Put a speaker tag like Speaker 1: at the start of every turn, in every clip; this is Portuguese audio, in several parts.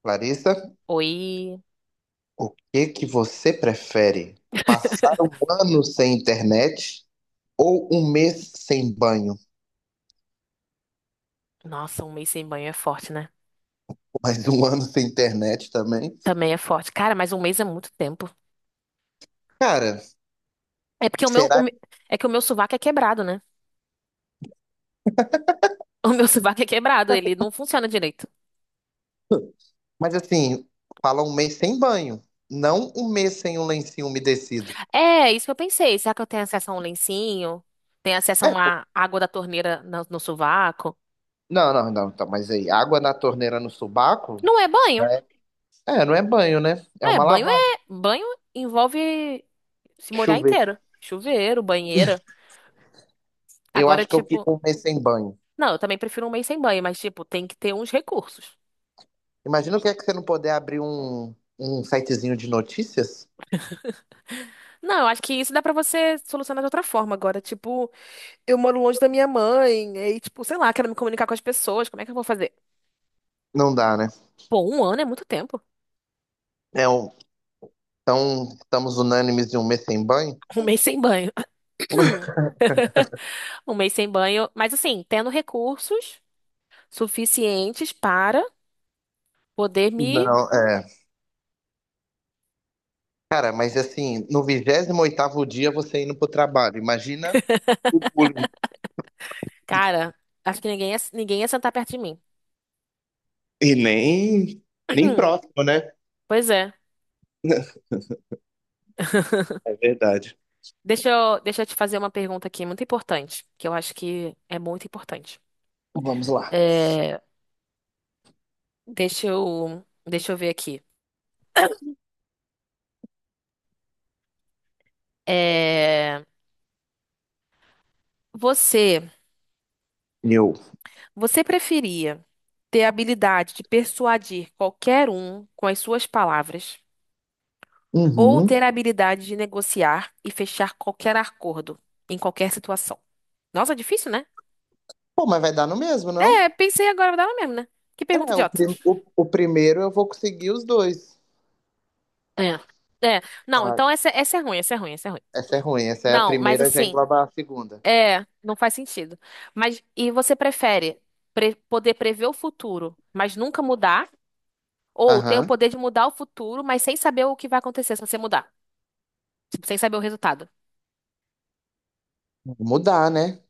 Speaker 1: Clarissa,
Speaker 2: Oi.
Speaker 1: o que que você prefere? Passar um ano sem internet ou um mês sem banho?
Speaker 2: Nossa, um mês sem banho é forte, né?
Speaker 1: Mas um ano sem internet também?
Speaker 2: Também é forte. Cara, mas um mês é muito tempo.
Speaker 1: Cara,
Speaker 2: É porque o meu, o
Speaker 1: será?
Speaker 2: me- é que o meu sovaco é quebrado, né? O meu sovaco é quebrado, ele não funciona direito.
Speaker 1: Mas assim, fala um mês sem banho, não um mês sem um lencinho umedecido.
Speaker 2: É, é isso que eu pensei. Será que eu tenho acesso a um lencinho? Tenho acesso a uma água da torneira no sovaco?
Speaker 1: Não, não, não, então, mas aí, água na torneira no subaco?
Speaker 2: Não é banho.
Speaker 1: É, é, não é banho, né? É
Speaker 2: É,
Speaker 1: uma
Speaker 2: banho é.
Speaker 1: lavagem.
Speaker 2: Banho envolve se molhar
Speaker 1: Chuveiro.
Speaker 2: inteiro. Chuveiro, banheira.
Speaker 1: Eu
Speaker 2: Agora,
Speaker 1: acho que eu
Speaker 2: tipo.
Speaker 1: fico um mês sem banho.
Speaker 2: Não, eu também prefiro um mês sem banho, mas, tipo, tem que ter uns recursos.
Speaker 1: Imagina o que é que você não poder abrir um sitezinho de notícias?
Speaker 2: Não, eu acho que isso dá pra você solucionar de outra forma agora. Tipo, eu moro longe da minha mãe, e tipo, sei lá, quero me comunicar com as pessoas, como é que eu vou fazer?
Speaker 1: Não dá, né?
Speaker 2: Pô, um ano é muito tempo.
Speaker 1: É um, então, estamos unânimes de um mês sem banho?
Speaker 2: Um mês sem banho. Um mês sem banho, mas assim, tendo recursos suficientes para poder me.
Speaker 1: Não, é. Cara, mas assim, no 28º dia você indo pro trabalho, imagina o bullying.
Speaker 2: Cara, acho que ninguém ia sentar perto de mim.
Speaker 1: E nem próximo, né?
Speaker 2: Pois é.
Speaker 1: É verdade.
Speaker 2: Deixa eu te fazer uma pergunta aqui muito importante, que eu acho que é muito importante.
Speaker 1: Vamos lá.
Speaker 2: É, deixa eu ver aqui. É, Você,
Speaker 1: Eu.
Speaker 2: você preferia ter a habilidade de persuadir qualquer um com as suas palavras ou
Speaker 1: Uhum.
Speaker 2: ter a habilidade de negociar e fechar qualquer acordo em qualquer situação? Nossa, difícil, né?
Speaker 1: Pô, mas vai dar no mesmo,
Speaker 2: É,
Speaker 1: não?
Speaker 2: pensei agora dela mesmo, né? Que pergunta
Speaker 1: É, o,
Speaker 2: idiota.
Speaker 1: prim- o, o primeiro eu vou conseguir os dois.
Speaker 2: É, é. Não,
Speaker 1: Ah,
Speaker 2: então essa é ruim, essa é ruim, essa é ruim.
Speaker 1: essa é ruim, essa é a
Speaker 2: Não, mas
Speaker 1: primeira, já
Speaker 2: assim,
Speaker 1: engloba a segunda.
Speaker 2: é, não faz sentido. Mas e você prefere poder prever o futuro, mas nunca mudar? Ou ter o
Speaker 1: Aham.
Speaker 2: poder de mudar o futuro, mas sem saber o que vai acontecer se você mudar? Tipo, sem saber o resultado.
Speaker 1: Mudar, né?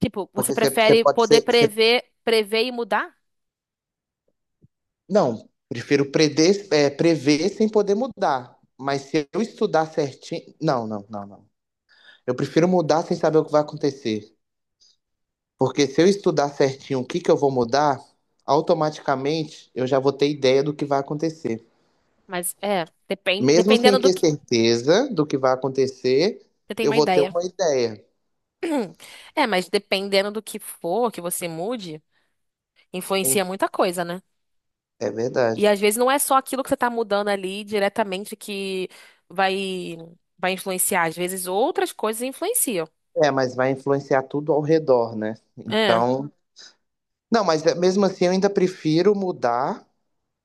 Speaker 2: Tipo, você
Speaker 1: Porque você
Speaker 2: prefere
Speaker 1: pode
Speaker 2: poder
Speaker 1: ser, você
Speaker 2: prever, prever e mudar?
Speaker 1: Não, prefiro prever sem poder mudar. Mas se eu estudar certinho. Não, não, não, não. Eu prefiro mudar sem saber o que vai acontecer. Porque se eu estudar certinho o que que eu vou mudar, automaticamente eu já vou ter ideia do que vai acontecer.
Speaker 2: Mas é,
Speaker 1: Mesmo
Speaker 2: dependendo
Speaker 1: sem
Speaker 2: do
Speaker 1: ter
Speaker 2: que.
Speaker 1: certeza do que vai acontecer,
Speaker 2: Você tem
Speaker 1: eu
Speaker 2: uma
Speaker 1: vou ter
Speaker 2: ideia.
Speaker 1: uma ideia.
Speaker 2: É, mas dependendo do que for que você mude,
Speaker 1: Em-
Speaker 2: influencia muita coisa, né?
Speaker 1: É
Speaker 2: E
Speaker 1: verdade.
Speaker 2: às vezes não é só aquilo que você tá mudando ali diretamente que vai, vai influenciar. Às vezes outras coisas influenciam.
Speaker 1: É, mas vai influenciar tudo ao redor, né?
Speaker 2: É,
Speaker 1: Então. Não, mesmo assim eu ainda prefiro mudar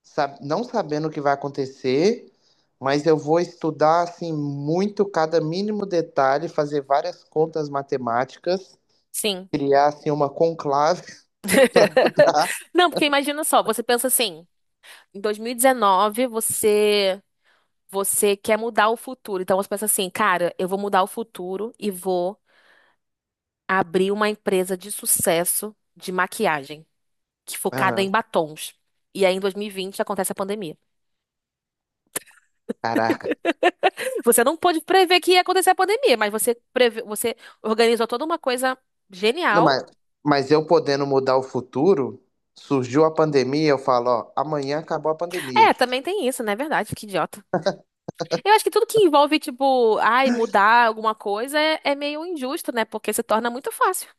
Speaker 1: não sabendo o que vai acontecer, mas eu vou estudar assim muito cada mínimo detalhe, fazer várias contas matemáticas,
Speaker 2: sim.
Speaker 1: criar assim uma conclave para.
Speaker 2: Não, porque imagina só, você pensa assim, em 2019 você você quer mudar o futuro. Então você pensa assim, cara, eu vou mudar o futuro e vou abrir uma empresa de sucesso de maquiagem, que focada em batons. E aí em 2020 acontece a pandemia.
Speaker 1: Caraca.
Speaker 2: Você não pôde prever que ia acontecer a pandemia, mas você preve... você organizou toda uma coisa
Speaker 1: Não,
Speaker 2: genial.
Speaker 1: mas eu podendo mudar o futuro, surgiu a pandemia, eu falo, ó, amanhã acabou a pandemia.
Speaker 2: É, também tem isso, né? É verdade, que idiota. Eu acho que tudo que envolve, tipo, ai, mudar alguma coisa é, é meio injusto, né? Porque se torna muito fácil.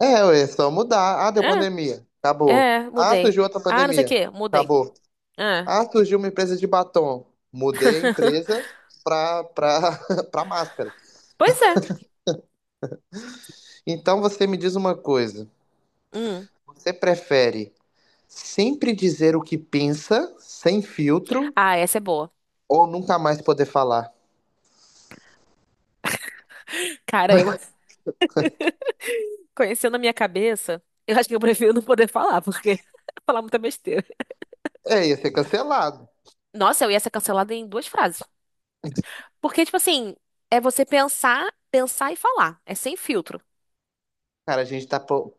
Speaker 1: É, ué, é só mudar. Ah, deu
Speaker 2: É,
Speaker 1: pandemia. Acabou.
Speaker 2: é,
Speaker 1: Ah,
Speaker 2: mudei.
Speaker 1: surgiu outra
Speaker 2: Ah, não sei o
Speaker 1: pandemia.
Speaker 2: quê, mudei.
Speaker 1: Acabou.
Speaker 2: É.
Speaker 1: Ah, surgiu uma empresa de batom. Mudei a empresa pra, pra, pra máscara.
Speaker 2: Pois é.
Speaker 1: Então você me diz uma coisa:
Speaker 2: Hum.
Speaker 1: você prefere sempre dizer o que pensa, sem filtro,
Speaker 2: Ah, essa é boa.
Speaker 1: ou nunca mais poder falar?
Speaker 2: Cara, eu conhecendo a minha cabeça, eu acho que eu prefiro não poder falar, porque falar muita besteira.
Speaker 1: É, ia ser cancelado.
Speaker 2: Nossa, eu ia ser cancelada em duas frases. Porque, tipo assim, é você pensar, pensar e falar. É sem filtro.
Speaker 1: Cara,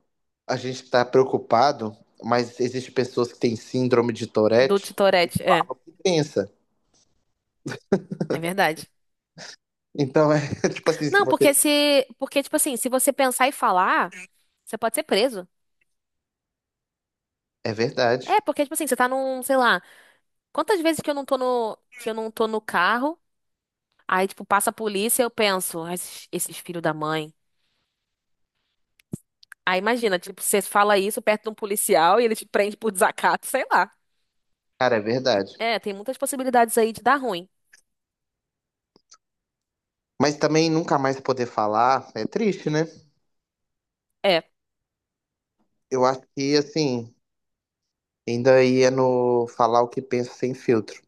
Speaker 1: a gente tá preocupado, mas existem pessoas que têm síndrome de
Speaker 2: Do
Speaker 1: Tourette.
Speaker 2: Titorete, é.
Speaker 1: Pensa.
Speaker 2: É verdade.
Speaker 1: Então é tipo assim, se
Speaker 2: Não, porque
Speaker 1: você.
Speaker 2: se. Porque, tipo assim, se você pensar e falar, você pode ser preso.
Speaker 1: É
Speaker 2: É,
Speaker 1: verdade.
Speaker 2: porque, tipo assim, você tá num, sei lá, quantas vezes que eu não tô no, que eu não tô no carro, aí, tipo, passa a polícia, eu penso, "Ah, esses filhos da mãe. Aí imagina, tipo, você fala isso perto de um policial e ele te prende por desacato, sei lá.
Speaker 1: Cara, é verdade.
Speaker 2: É, tem muitas possibilidades aí de dar ruim.
Speaker 1: Mas também nunca mais poder falar é triste, né?
Speaker 2: É,
Speaker 1: Eu acho que assim, ainda ia no falar o que pensa sem filtro.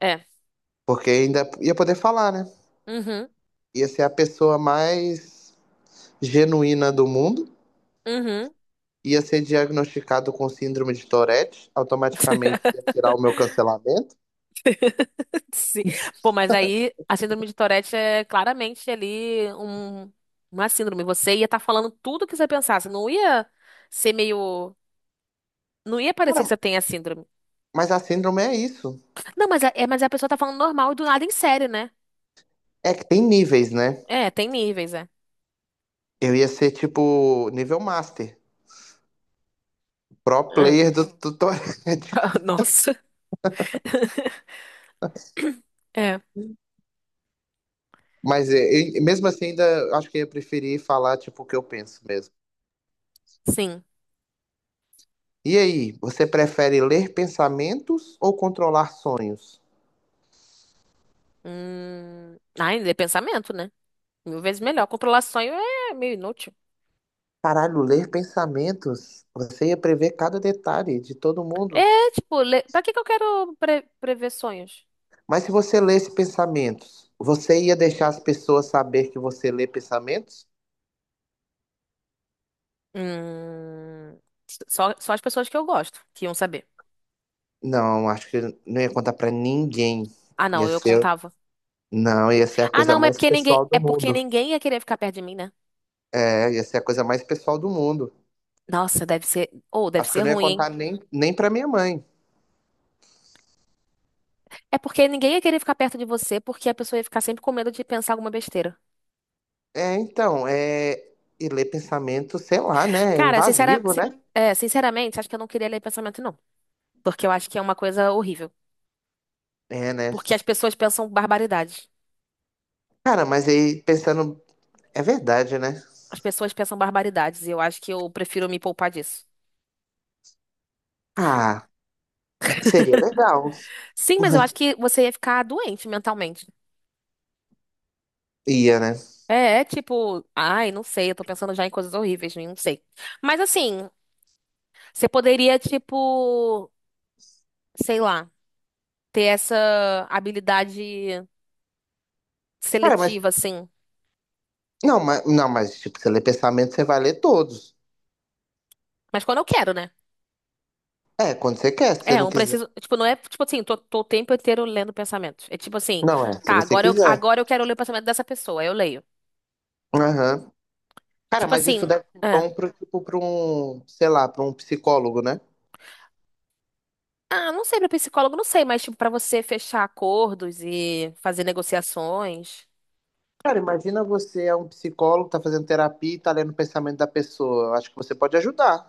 Speaker 2: é.
Speaker 1: Porque ainda ia poder falar, né?
Speaker 2: Uhum,
Speaker 1: Ia ser a pessoa mais genuína do mundo,
Speaker 2: uhum.
Speaker 1: ia ser diagnosticado com síndrome de Tourette, automaticamente ia tirar o meu cancelamento.
Speaker 2: Sim. Pô, mas aí a síndrome de Tourette é claramente ali um, uma síndrome. Você ia estar falando tudo o que você pensasse. Não ia ser meio. Não ia parecer que
Speaker 1: Cara,
Speaker 2: você tem a síndrome.
Speaker 1: mas a síndrome é isso.
Speaker 2: Não, mas a, é, mas a pessoa tá falando normal e do nada em sério, né?
Speaker 1: É que tem níveis, né?
Speaker 2: É, tem níveis, é.
Speaker 1: Eu ia ser tipo nível master, pro
Speaker 2: É.
Speaker 1: player do Tourette.
Speaker 2: Nossa. É,
Speaker 1: Mesmo assim, ainda acho que eu ia preferir falar tipo o que eu penso mesmo.
Speaker 2: sim.
Speaker 1: E aí, você prefere ler pensamentos ou controlar sonhos?
Speaker 2: Ah, ainda é pensamento, né? Mil vezes melhor. Controlar sonho é meio inútil.
Speaker 1: Caralho, ler pensamentos, você ia prever cada detalhe de todo mundo.
Speaker 2: É, tipo, le... pra que que eu quero prever sonhos?
Speaker 1: Mas se você lesse pensamentos, você ia deixar as pessoas saber que você lê pensamentos?
Speaker 2: Hum... só as pessoas que eu gosto que iam saber.
Speaker 1: Não, acho que não ia contar pra ninguém.
Speaker 2: Ah, não,
Speaker 1: Ia
Speaker 2: eu
Speaker 1: ser,
Speaker 2: contava.
Speaker 1: não, ia ser a
Speaker 2: Ah,
Speaker 1: coisa
Speaker 2: não, mas
Speaker 1: mais pessoal
Speaker 2: é
Speaker 1: do
Speaker 2: porque
Speaker 1: mundo.
Speaker 2: ninguém ia querer ficar perto de mim, né?
Speaker 1: É, ia ser a coisa mais pessoal do mundo.
Speaker 2: Nossa, deve ser, ou deve
Speaker 1: Acho que
Speaker 2: ser
Speaker 1: eu não ia
Speaker 2: ruim, hein?
Speaker 1: contar nem pra minha mãe.
Speaker 2: É porque ninguém ia querer ficar perto de você porque a pessoa ia ficar sempre com medo de pensar alguma besteira.
Speaker 1: É, então, e ler pensamentos, sei lá, né? É
Speaker 2: Cara, sincera...
Speaker 1: invasivo,
Speaker 2: si-
Speaker 1: né?
Speaker 2: é, sinceramente, acho que eu não queria ler pensamento, não. Porque eu acho que é uma coisa horrível.
Speaker 1: É, né?
Speaker 2: Porque as pessoas pensam barbaridades.
Speaker 1: Cara, mas aí pensando, é verdade, né?
Speaker 2: As pessoas pensam barbaridades e eu acho que eu prefiro me poupar disso.
Speaker 1: Ah, seria legal.
Speaker 2: Sim, mas eu acho que você ia ficar doente mentalmente.
Speaker 1: Ia, né?
Speaker 2: É, é tipo, ai, não sei, eu tô pensando já em coisas horríveis, não sei. Mas assim, você poderia, tipo, sei lá, ter essa habilidade
Speaker 1: Cara, mas.
Speaker 2: seletiva, assim.
Speaker 1: Não, mas, não, mas tipo, você lê pensamento, você vai ler todos.
Speaker 2: Mas quando eu quero, né?
Speaker 1: É, quando você quer, se você
Speaker 2: É, eu
Speaker 1: não
Speaker 2: não
Speaker 1: quiser.
Speaker 2: preciso. Tipo, não é tipo assim, tô o tempo inteiro lendo pensamentos. É tipo assim,
Speaker 1: Não, é, se
Speaker 2: tá,
Speaker 1: você quiser.
Speaker 2: agora eu quero ler o pensamento dessa pessoa, aí eu leio.
Speaker 1: Aham. Cara,
Speaker 2: Tipo
Speaker 1: mas isso
Speaker 2: assim,
Speaker 1: deve ser
Speaker 2: é.
Speaker 1: bom pro, tipo, pra um, sei lá, pra um psicólogo, né?
Speaker 2: Ah, não sei, pra psicólogo, não sei, mas tipo, pra você fechar acordos e fazer negociações.
Speaker 1: Cara, imagina você é um psicólogo, tá fazendo terapia e tá lendo o pensamento da pessoa. Eu acho que você pode ajudar.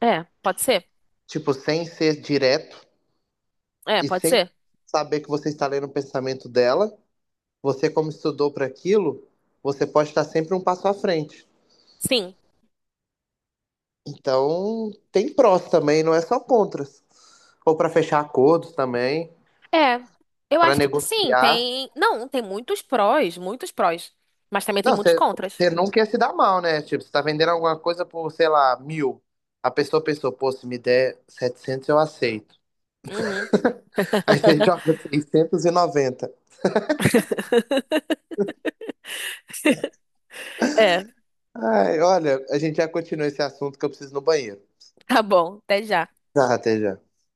Speaker 2: É, pode ser?
Speaker 1: Tipo, sem ser direto
Speaker 2: É,
Speaker 1: e
Speaker 2: pode
Speaker 1: sem
Speaker 2: ser?
Speaker 1: saber que você está lendo o pensamento dela, você, como estudou para aquilo, você pode estar sempre um passo à frente.
Speaker 2: Sim.
Speaker 1: Então, tem prós também, não é só contras. Ou para fechar acordos também,
Speaker 2: É, eu
Speaker 1: para
Speaker 2: acho que sim,
Speaker 1: negociar.
Speaker 2: tem. Não, tem muitos prós, muitos prós. Mas também tem
Speaker 1: Não,
Speaker 2: muitos
Speaker 1: você
Speaker 2: contras.
Speaker 1: não quer se dar mal, né? Tipo, você tá vendendo alguma coisa por, sei lá, 1.000. A pessoa pensou, pô, se me der 700 eu aceito.
Speaker 2: Uhum.
Speaker 1: Aí você joga 690
Speaker 2: É,
Speaker 1: Ai, olha, a gente já continua esse assunto que eu preciso ir no banheiro.
Speaker 2: tá bom, até já.
Speaker 1: Tá, até já.